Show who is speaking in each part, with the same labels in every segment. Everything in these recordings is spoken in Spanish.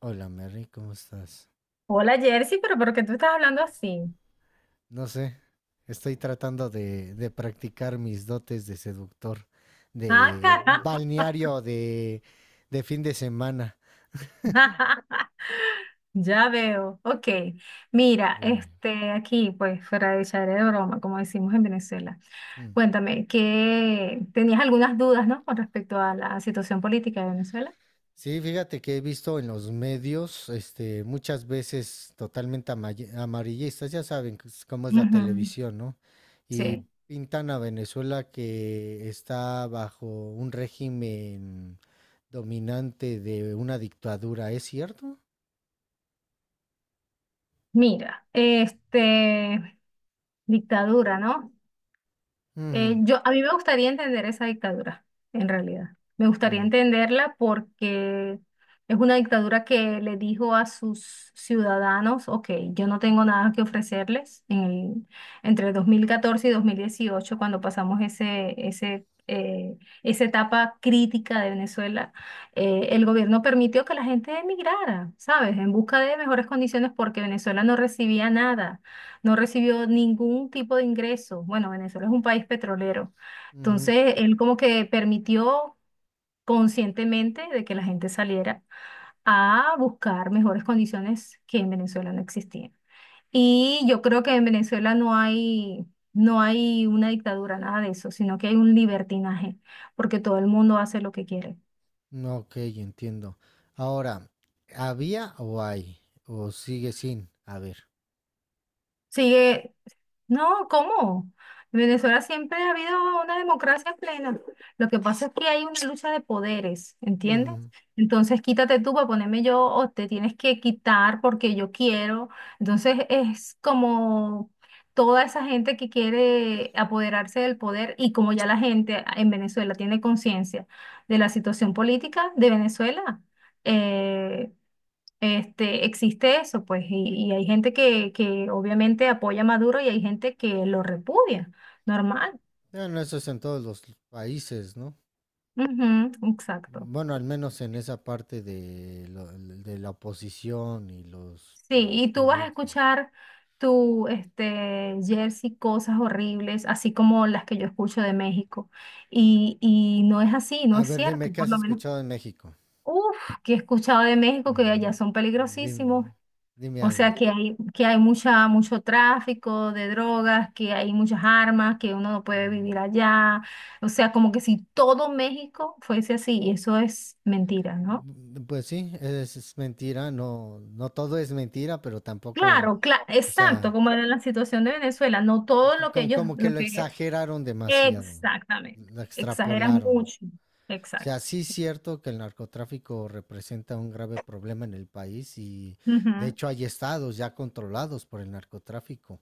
Speaker 1: Hola Mary, ¿cómo estás?
Speaker 2: Hola Jersey, pero ¿por qué tú estás hablando así?
Speaker 1: No sé, estoy tratando de practicar mis dotes de seductor,
Speaker 2: Ah,
Speaker 1: de
Speaker 2: caramba.
Speaker 1: balneario, de fin de semana.
Speaker 2: Ya veo. Ok. Mira,
Speaker 1: Dime.
Speaker 2: este, aquí, pues, fuera de echar de broma, como decimos en Venezuela.
Speaker 1: Mm.
Speaker 2: Cuéntame, ¿qué tenías algunas dudas, no? Con respecto a la situación política de Venezuela.
Speaker 1: Sí, fíjate que he visto en los medios, este, muchas veces totalmente amarillistas, ya saben cómo es la
Speaker 2: Ujú.
Speaker 1: televisión, ¿no? Y
Speaker 2: Sí.
Speaker 1: pintan a Venezuela que está bajo un régimen dominante de una dictadura, ¿es cierto?
Speaker 2: Mira, este, dictadura, ¿no? Eh,
Speaker 1: Mm.
Speaker 2: yo, a mí me gustaría entender esa dictadura, en realidad. Me gustaría
Speaker 1: Ujú,
Speaker 2: entenderla porque es una dictadura que le dijo a sus ciudadanos: ok, yo no tengo nada que ofrecerles en el- entre 2014 y 2018, cuando pasamos esa etapa crítica de Venezuela. El gobierno permitió que la gente emigrara, ¿sabes? En busca de mejores condiciones, porque Venezuela no recibía nada, no recibió ningún tipo de ingreso. Bueno, Venezuela es un país petrolero.
Speaker 1: ujú.
Speaker 2: Entonces, él como que permitió conscientemente de que la gente saliera a buscar mejores condiciones que en Venezuela no existían. Y yo creo que en Venezuela no hay una dictadura, nada de eso, sino que hay un libertinaje, porque todo el mundo hace lo que quiere.
Speaker 1: No, ok, entiendo. Ahora, ¿había o hay? ¿O sigue sin haber?
Speaker 2: Sigue. No, ¿cómo? En Venezuela siempre ha habido una democracia plena. Lo que pasa es que hay una lucha de poderes, ¿entiendes?
Speaker 1: Ujú.
Speaker 2: Entonces, quítate tú para ponerme yo, o te tienes que quitar porque yo quiero. Entonces, es como toda esa gente que quiere apoderarse del poder, y como ya la gente en Venezuela tiene conciencia de la situación política de Venezuela, eh, este, existe eso, pues, y hay gente que obviamente apoya a Maduro y hay gente que lo repudia. Normal.
Speaker 1: Bueno, eso es en todos los países, ¿no?
Speaker 2: Ujú, exacto.
Speaker 1: Bueno, al menos en esa parte de, de la oposición y los
Speaker 2: Sí, y tú vas a
Speaker 1: partidismos.
Speaker 2: escuchar tu, este, Jersey, cosas horribles, así como las que yo escucho de México. Y no es así, no
Speaker 1: A
Speaker 2: es
Speaker 1: ver, dime,
Speaker 2: cierto,
Speaker 1: ¿qué
Speaker 2: por
Speaker 1: has
Speaker 2: lo menos.
Speaker 1: escuchado en México?
Speaker 2: Uf, que he escuchado de México que
Speaker 1: Ujú.
Speaker 2: allá son peligrosísimos.
Speaker 1: Dime, dime
Speaker 2: O sea,
Speaker 1: algo.
Speaker 2: que hay mucho tráfico de drogas, que hay muchas armas, que uno no puede
Speaker 1: Ujú.
Speaker 2: vivir allá. O sea, como que si todo México fuese así, y eso es mentira, ¿no?
Speaker 1: Mm, pues sí, es mentira, no, no todo es mentira, pero tampoco,
Speaker 2: Claro, claro,
Speaker 1: o
Speaker 2: exacto,
Speaker 1: sea,
Speaker 2: como era la situación de Venezuela, no todo
Speaker 1: que
Speaker 2: lo que ellos,
Speaker 1: como que
Speaker 2: lo
Speaker 1: lo
Speaker 2: que...
Speaker 1: exageraron demasiado,
Speaker 2: Exactamente,
Speaker 1: lo
Speaker 2: exageran
Speaker 1: extrapolaron.
Speaker 2: mucho,
Speaker 1: O sea,
Speaker 2: exacto.
Speaker 1: sí es cierto que el narcotráfico representa un grave problema en el país y de
Speaker 2: Ujú.
Speaker 1: hecho hay estados ya controlados por el narcotráfico,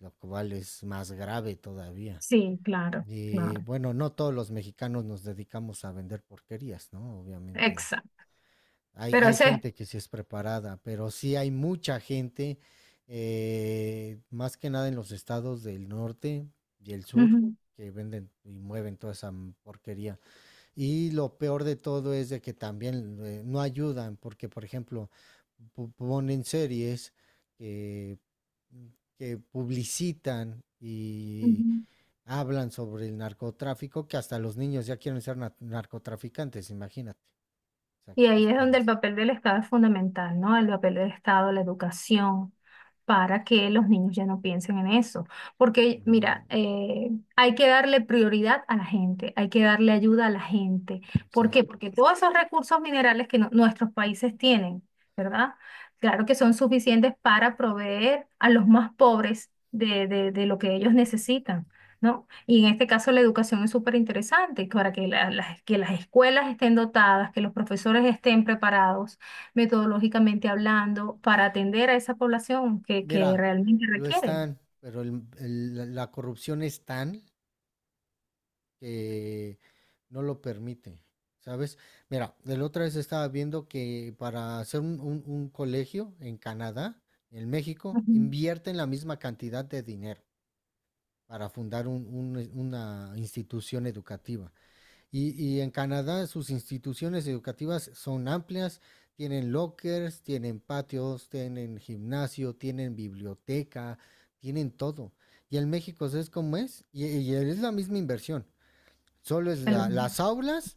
Speaker 1: lo cual es más grave todavía.
Speaker 2: Sí, claro,
Speaker 1: Y
Speaker 2: claro,
Speaker 1: bueno, no todos los mexicanos nos dedicamos a vender porquerías, ¿no? Obviamente
Speaker 2: exacto. Pero
Speaker 1: hay
Speaker 2: ese es...
Speaker 1: gente que sí es preparada, pero sí hay mucha gente, más que nada en los estados del norte y el sur,
Speaker 2: Ujú,
Speaker 1: que venden y mueven toda esa porquería. Y lo peor de todo es de que también no ayudan, porque por ejemplo, ponen series que, que publicitan y
Speaker 2: ujú.
Speaker 1: hablan sobre el narcotráfico, que hasta los niños ya quieren ser narcotraficantes, imagínate. O sea,
Speaker 2: Y
Speaker 1: ¿qué te
Speaker 2: ahí es donde el
Speaker 1: esperas?
Speaker 2: papel del Estado es fundamental, ¿no? El papel del Estado, la educación, para que los niños ya no piensen en eso. Porque,
Speaker 1: Ujú,
Speaker 2: mira, hay que darle prioridad a la gente, hay que darle ayuda a la gente. ¿Por qué?
Speaker 1: exacto.
Speaker 2: Porque todos esos recursos minerales que nuestros países tienen, ¿verdad? Claro que son suficientes para proveer a los más pobres de, de lo que ellos necesitan, ¿no? Y en este caso la educación es súper interesante, para que, las escuelas estén dotadas, que los profesores estén preparados metodológicamente hablando para atender a esa población que
Speaker 1: Mira,
Speaker 2: realmente
Speaker 1: lo
Speaker 2: requiere.
Speaker 1: están, pero la corrupción es tan que no lo permite, ¿sabes? Mira, la otra vez estaba viendo que para hacer un colegio en Canadá, en México,
Speaker 2: Ujú.
Speaker 1: invierten la misma cantidad de dinero para fundar una institución educativa. Y en Canadá sus instituciones educativas son amplias, tienen lockers, tienen patios, tienen gimnasio, tienen biblioteca, tienen todo. Y en México es como es, y es la misma inversión. Solo es
Speaker 2: El-
Speaker 1: las aulas,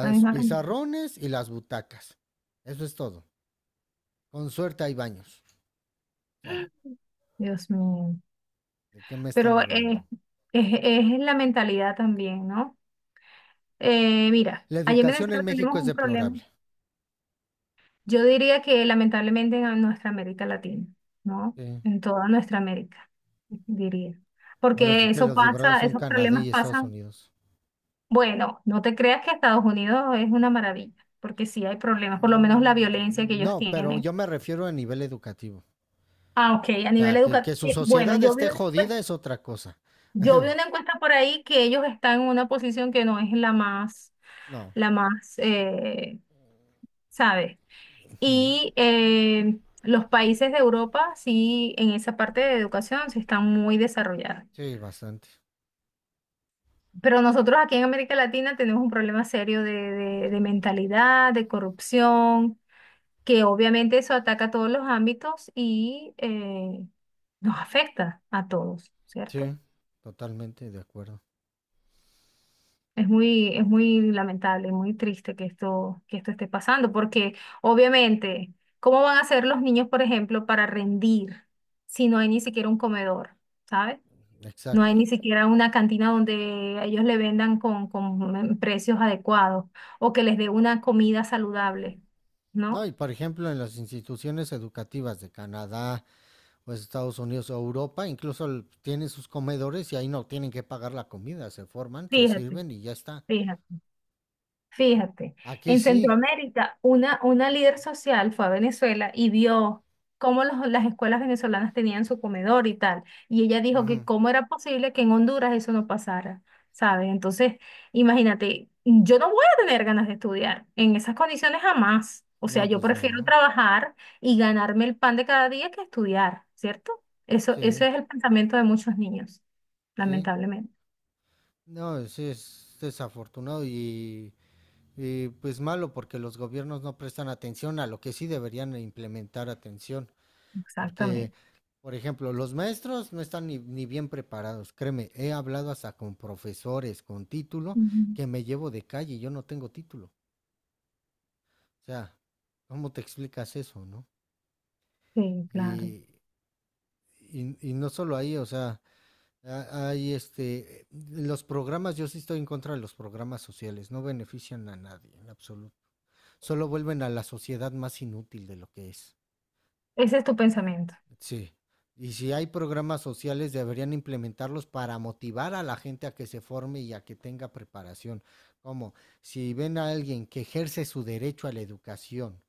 Speaker 2: la misma cantidad.
Speaker 1: pizarrones y las butacas. Eso es todo. Con suerte hay baños. O sea,
Speaker 2: Dios mío.
Speaker 1: ¿de qué me están
Speaker 2: Pero eh,
Speaker 1: hablando?
Speaker 2: es, es la mentalidad también, ¿no? Mira,
Speaker 1: La
Speaker 2: allí en
Speaker 1: educación en
Speaker 2: Venezuela
Speaker 1: México
Speaker 2: tenemos
Speaker 1: es
Speaker 2: un problema.
Speaker 1: deplorable.
Speaker 2: Yo diría que lamentablemente en nuestra América Latina, ¿no?
Speaker 1: Sí.
Speaker 2: En toda nuestra América, diría.
Speaker 1: Ahora sí
Speaker 2: Porque
Speaker 1: que
Speaker 2: eso
Speaker 1: los librados
Speaker 2: pasa,
Speaker 1: son
Speaker 2: esos
Speaker 1: Canadá y
Speaker 2: problemas
Speaker 1: Estados
Speaker 2: pasan.
Speaker 1: Unidos.
Speaker 2: Bueno, no te creas que Estados Unidos es una maravilla, porque sí hay problemas, por lo menos la violencia que
Speaker 1: Mm,
Speaker 2: ellos
Speaker 1: no, pero
Speaker 2: tienen.
Speaker 1: yo me refiero a nivel educativo.
Speaker 2: Ah, ok, a
Speaker 1: O
Speaker 2: nivel
Speaker 1: sea,
Speaker 2: educativo.
Speaker 1: que su
Speaker 2: Bueno,
Speaker 1: sociedad
Speaker 2: yo vi
Speaker 1: esté
Speaker 2: una
Speaker 1: jodida
Speaker 2: encuesta,
Speaker 1: es otra cosa.
Speaker 2: yo vi una encuesta por ahí que ellos están en una posición que no es la más,
Speaker 1: No.
Speaker 2: la más, eh, ¿sabes? Y los países de Europa, sí, en esa parte de educación, sí están muy desarrollados.
Speaker 1: Sí, bastante.
Speaker 2: Pero nosotros aquí en América Latina tenemos un problema serio de mentalidad, de corrupción, que obviamente eso ataca a todos los ámbitos y nos afecta a todos, ¿cierto?
Speaker 1: Sí, totalmente de acuerdo.
Speaker 2: Es muy lamentable, muy triste que esto esté pasando, porque obviamente, ¿cómo van a hacer los niños, por ejemplo, para rendir si no hay ni siquiera un comedor, ¿sabes? No
Speaker 1: Exacto.
Speaker 2: hay ni siquiera una cantina donde ellos le vendan con, precios adecuados o que les dé una comida saludable,
Speaker 1: No,
Speaker 2: ¿no?
Speaker 1: y por ejemplo, en las instituciones educativas de Canadá o Estados Unidos o Europa, incluso tienen sus comedores y ahí no tienen que pagar la comida, se forman, se
Speaker 2: Fíjate,
Speaker 1: sirven y ya está.
Speaker 2: fíjate. Fíjate,
Speaker 1: Aquí
Speaker 2: en
Speaker 1: sí.
Speaker 2: Centroamérica, una líder social fue a Venezuela y vio cómo las escuelas venezolanas tenían su comedor y tal. Y ella dijo que
Speaker 1: Ujú.
Speaker 2: cómo era posible que en Honduras eso no pasara, ¿sabes? Entonces, imagínate, yo no voy a tener ganas de estudiar en esas condiciones jamás. O sea,
Speaker 1: No,
Speaker 2: yo
Speaker 1: pues
Speaker 2: prefiero
Speaker 1: no.
Speaker 2: trabajar y ganarme el pan de cada día que estudiar, ¿cierto? Eso
Speaker 1: Sí,
Speaker 2: es el pensamiento de muchos niños,
Speaker 1: sí.
Speaker 2: lamentablemente.
Speaker 1: No, sí es desafortunado y pues malo porque los gobiernos no prestan atención a lo que sí deberían implementar atención, porque,
Speaker 2: Exactamente.
Speaker 1: por ejemplo, los maestros no están ni bien preparados. Créeme, he hablado hasta con profesores con título
Speaker 2: Ujú.
Speaker 1: que me llevo de calle y yo no tengo título. O sea, ¿cómo te explicas eso, no?
Speaker 2: Sí, claro.
Speaker 1: Y, y no solo ahí, o sea, hay este, los programas, yo sí estoy en contra de los programas sociales, no benefician a nadie en absoluto, solo vuelven a la sociedad más inútil de lo que es.
Speaker 2: Ese es tu pensamiento.
Speaker 1: Sí. Y si hay programas sociales, deberían implementarlos para motivar a la gente a que se forme y a que tenga preparación. Como si ven a alguien que ejerce su derecho a la educación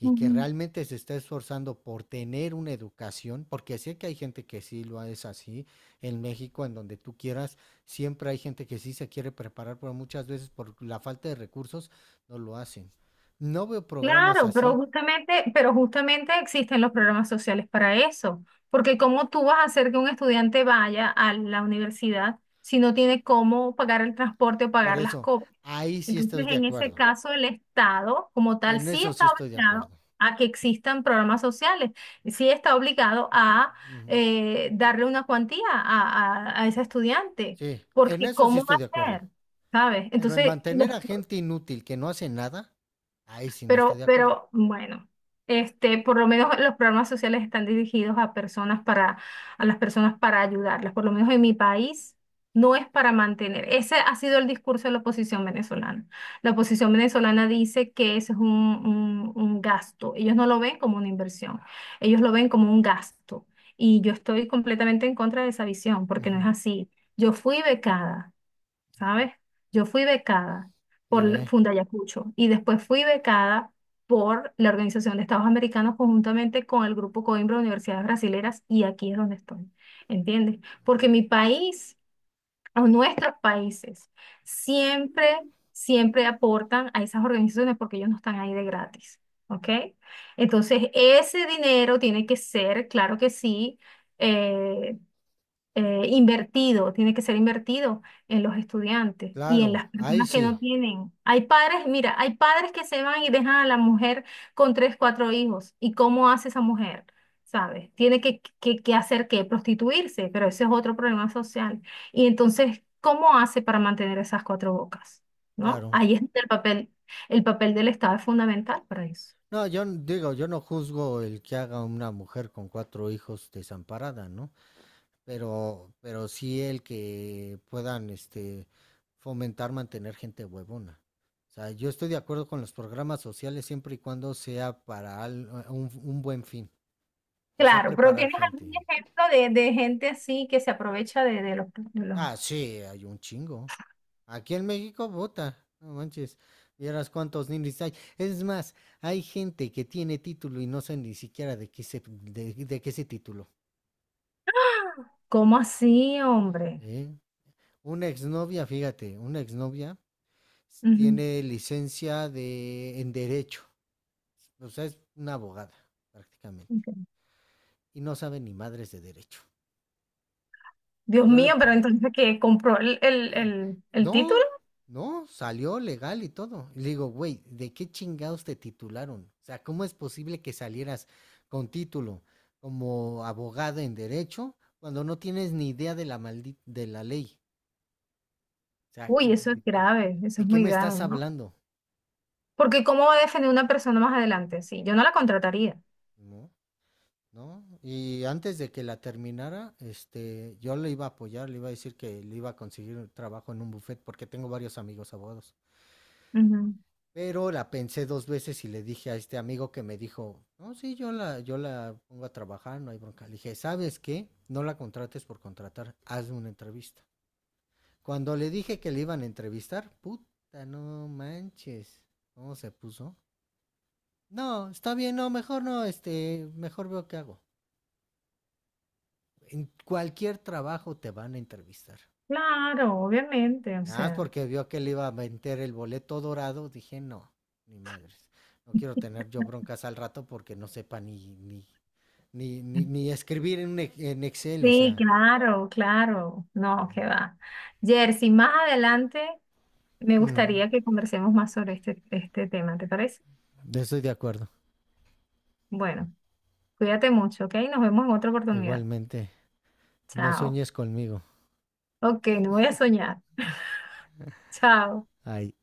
Speaker 1: y que
Speaker 2: Ujú.
Speaker 1: realmente se está esforzando por tener una educación, porque sé que hay gente que sí lo es así en México, en donde tú quieras, siempre hay gente que sí se quiere preparar, pero muchas veces por la falta de recursos no lo hacen. No veo programas
Speaker 2: Claro, pero
Speaker 1: así,
Speaker 2: justamente, pero justamente existen los programas sociales para eso, porque cómo tú vas a hacer que un estudiante vaya a la universidad si no tiene cómo pagar el transporte o
Speaker 1: por
Speaker 2: pagar las
Speaker 1: eso
Speaker 2: copias.
Speaker 1: ahí sí
Speaker 2: Entonces,
Speaker 1: estoy de
Speaker 2: en ese
Speaker 1: acuerdo.
Speaker 2: caso, el Estado como tal
Speaker 1: En
Speaker 2: sí
Speaker 1: eso
Speaker 2: está
Speaker 1: sí estoy de
Speaker 2: obligado
Speaker 1: acuerdo.
Speaker 2: a que existan programas sociales, y sí está obligado a
Speaker 1: Ujú.
Speaker 2: darle una cuantía a, a ese estudiante,
Speaker 1: Sí, en
Speaker 2: porque
Speaker 1: eso sí
Speaker 2: ¿cómo va
Speaker 1: estoy de
Speaker 2: a
Speaker 1: acuerdo.
Speaker 2: ser? ¿Sabes?
Speaker 1: Pero en
Speaker 2: Entonces, los.
Speaker 1: mantener a gente inútil que no hace nada, ahí sí no estoy
Speaker 2: Pero,
Speaker 1: de acuerdo.
Speaker 2: pero bueno, este, por lo menos los programas sociales están dirigidos a personas para, a las personas para ayudarlas. Por lo menos en mi país no es para mantener. Ese ha sido el discurso de la oposición venezolana. La oposición venezolana dice que eso es un, un gasto. Ellos no lo ven como una inversión, ellos lo ven como un gasto. Y yo estoy completamente en contra de esa visión, porque no es
Speaker 1: Ujú.
Speaker 2: así. Yo fui becada. ¿Sabes? Yo fui becada
Speaker 1: Y
Speaker 2: por
Speaker 1: ve,
Speaker 2: Fundayacucho y después fui becada por la Organización de Estados Americanos conjuntamente con el Grupo Coimbra de Universidades Brasileras, y aquí es donde estoy, ¿entiendes? Porque mi país o nuestros países siempre, siempre aportan a esas organizaciones, porque ellos no están ahí de gratis, ¿ok? Entonces, ese dinero tiene que ser, claro que sí, eh, invertido, tiene que ser invertido en los estudiantes y en
Speaker 1: claro,
Speaker 2: las
Speaker 1: ahí
Speaker 2: personas que
Speaker 1: sí,
Speaker 2: no tienen. Hay padres, mira, hay padres que se van y dejan a la mujer con tres, cuatro hijos. ¿Y cómo hace esa mujer? ¿Sabes? Tiene que hacer qué, prostituirse, pero ese es otro problema social. Y entonces, ¿cómo hace para mantener esas cuatro bocas? ¿No?
Speaker 1: claro.
Speaker 2: Ahí es donde el papel del Estado es fundamental para eso.
Speaker 1: No, digo, yo no juzgo el que haga una mujer con cuatro hijos desamparada, ¿no? Pero sí el que puedan, este, fomentar mantener gente huevona. O sea, yo estoy de acuerdo con los programas sociales siempre y cuando sea para un buen fin. Que sea
Speaker 2: Claro, pero
Speaker 1: preparar
Speaker 2: ¿tienes
Speaker 1: gente.
Speaker 2: algún ejemplo de gente así que se aprovecha de los
Speaker 1: Ah, sí, hay un chingo. Aquí en México, vota. No manches. Vieras cuántos ninis hay. Es más, hay gente que tiene título y no sabe ni siquiera de qué se, de qué se título.
Speaker 2: ¿Cómo así, hombre?
Speaker 1: ¿Eh? Una exnovia, fíjate, una exnovia
Speaker 2: Ujú,
Speaker 1: tiene licencia de en derecho. O sea, es una abogada, prácticamente.
Speaker 2: ok.
Speaker 1: Y no sabe ni madres de derecho.
Speaker 2: Dios
Speaker 1: Yo le,
Speaker 2: mío, pero entonces que compró el, el,
Speaker 1: eh,
Speaker 2: el, el título.
Speaker 1: No, no, salió legal y todo. Y le digo, güey, ¿de qué chingados te titularon? O sea, ¿cómo es posible que salieras con título como abogado en derecho cuando no tienes ni idea de la de la ley? O sea,
Speaker 2: Uy, eso es grave, eso
Speaker 1: ¿de
Speaker 2: es
Speaker 1: qué
Speaker 2: muy
Speaker 1: me
Speaker 2: grave,
Speaker 1: estás
Speaker 2: ¿no?
Speaker 1: hablando?
Speaker 2: Porque ¿cómo va a defender una persona más adelante? Sí, yo no la contrataría.
Speaker 1: ¿No? ¿No? Y antes de que la terminara, este, yo le iba a apoyar, le iba a decir que le iba a conseguir un trabajo en un buffet porque tengo varios amigos abogados.
Speaker 2: Ujú.
Speaker 1: Pero la pensé dos veces y le dije a este amigo que me dijo, no, sí, yo la pongo a trabajar, no hay bronca. Le dije, ¿sabes qué? No la contrates por contratar, hazme una entrevista. Cuando le dije que le iban a entrevistar, puta, no manches. ¿Cómo se puso? No, está bien, no, mejor no, este, mejor veo qué hago. En cualquier trabajo te van a entrevistar.
Speaker 2: Claro, obviamente, o
Speaker 1: Nada más
Speaker 2: sea.
Speaker 1: porque vio que le iba a vender el boleto dorado, dije, no, ni madres. No quiero tener yo broncas al rato porque no sepa ni escribir en, un en Excel, o
Speaker 2: Sí,
Speaker 1: sea.
Speaker 2: claro, claro. No, qué va. Jersey, más adelante me
Speaker 1: Mm,
Speaker 2: gustaría que conversemos más sobre este, este tema, ¿te parece?
Speaker 1: estoy de acuerdo.
Speaker 2: Bueno, cuídate mucho, ¿ok? Nos vemos en otra oportunidad.
Speaker 1: Igualmente, no
Speaker 2: Chao.
Speaker 1: sueñes conmigo.
Speaker 2: Ok, no voy a soñar. Chao.
Speaker 1: Ay,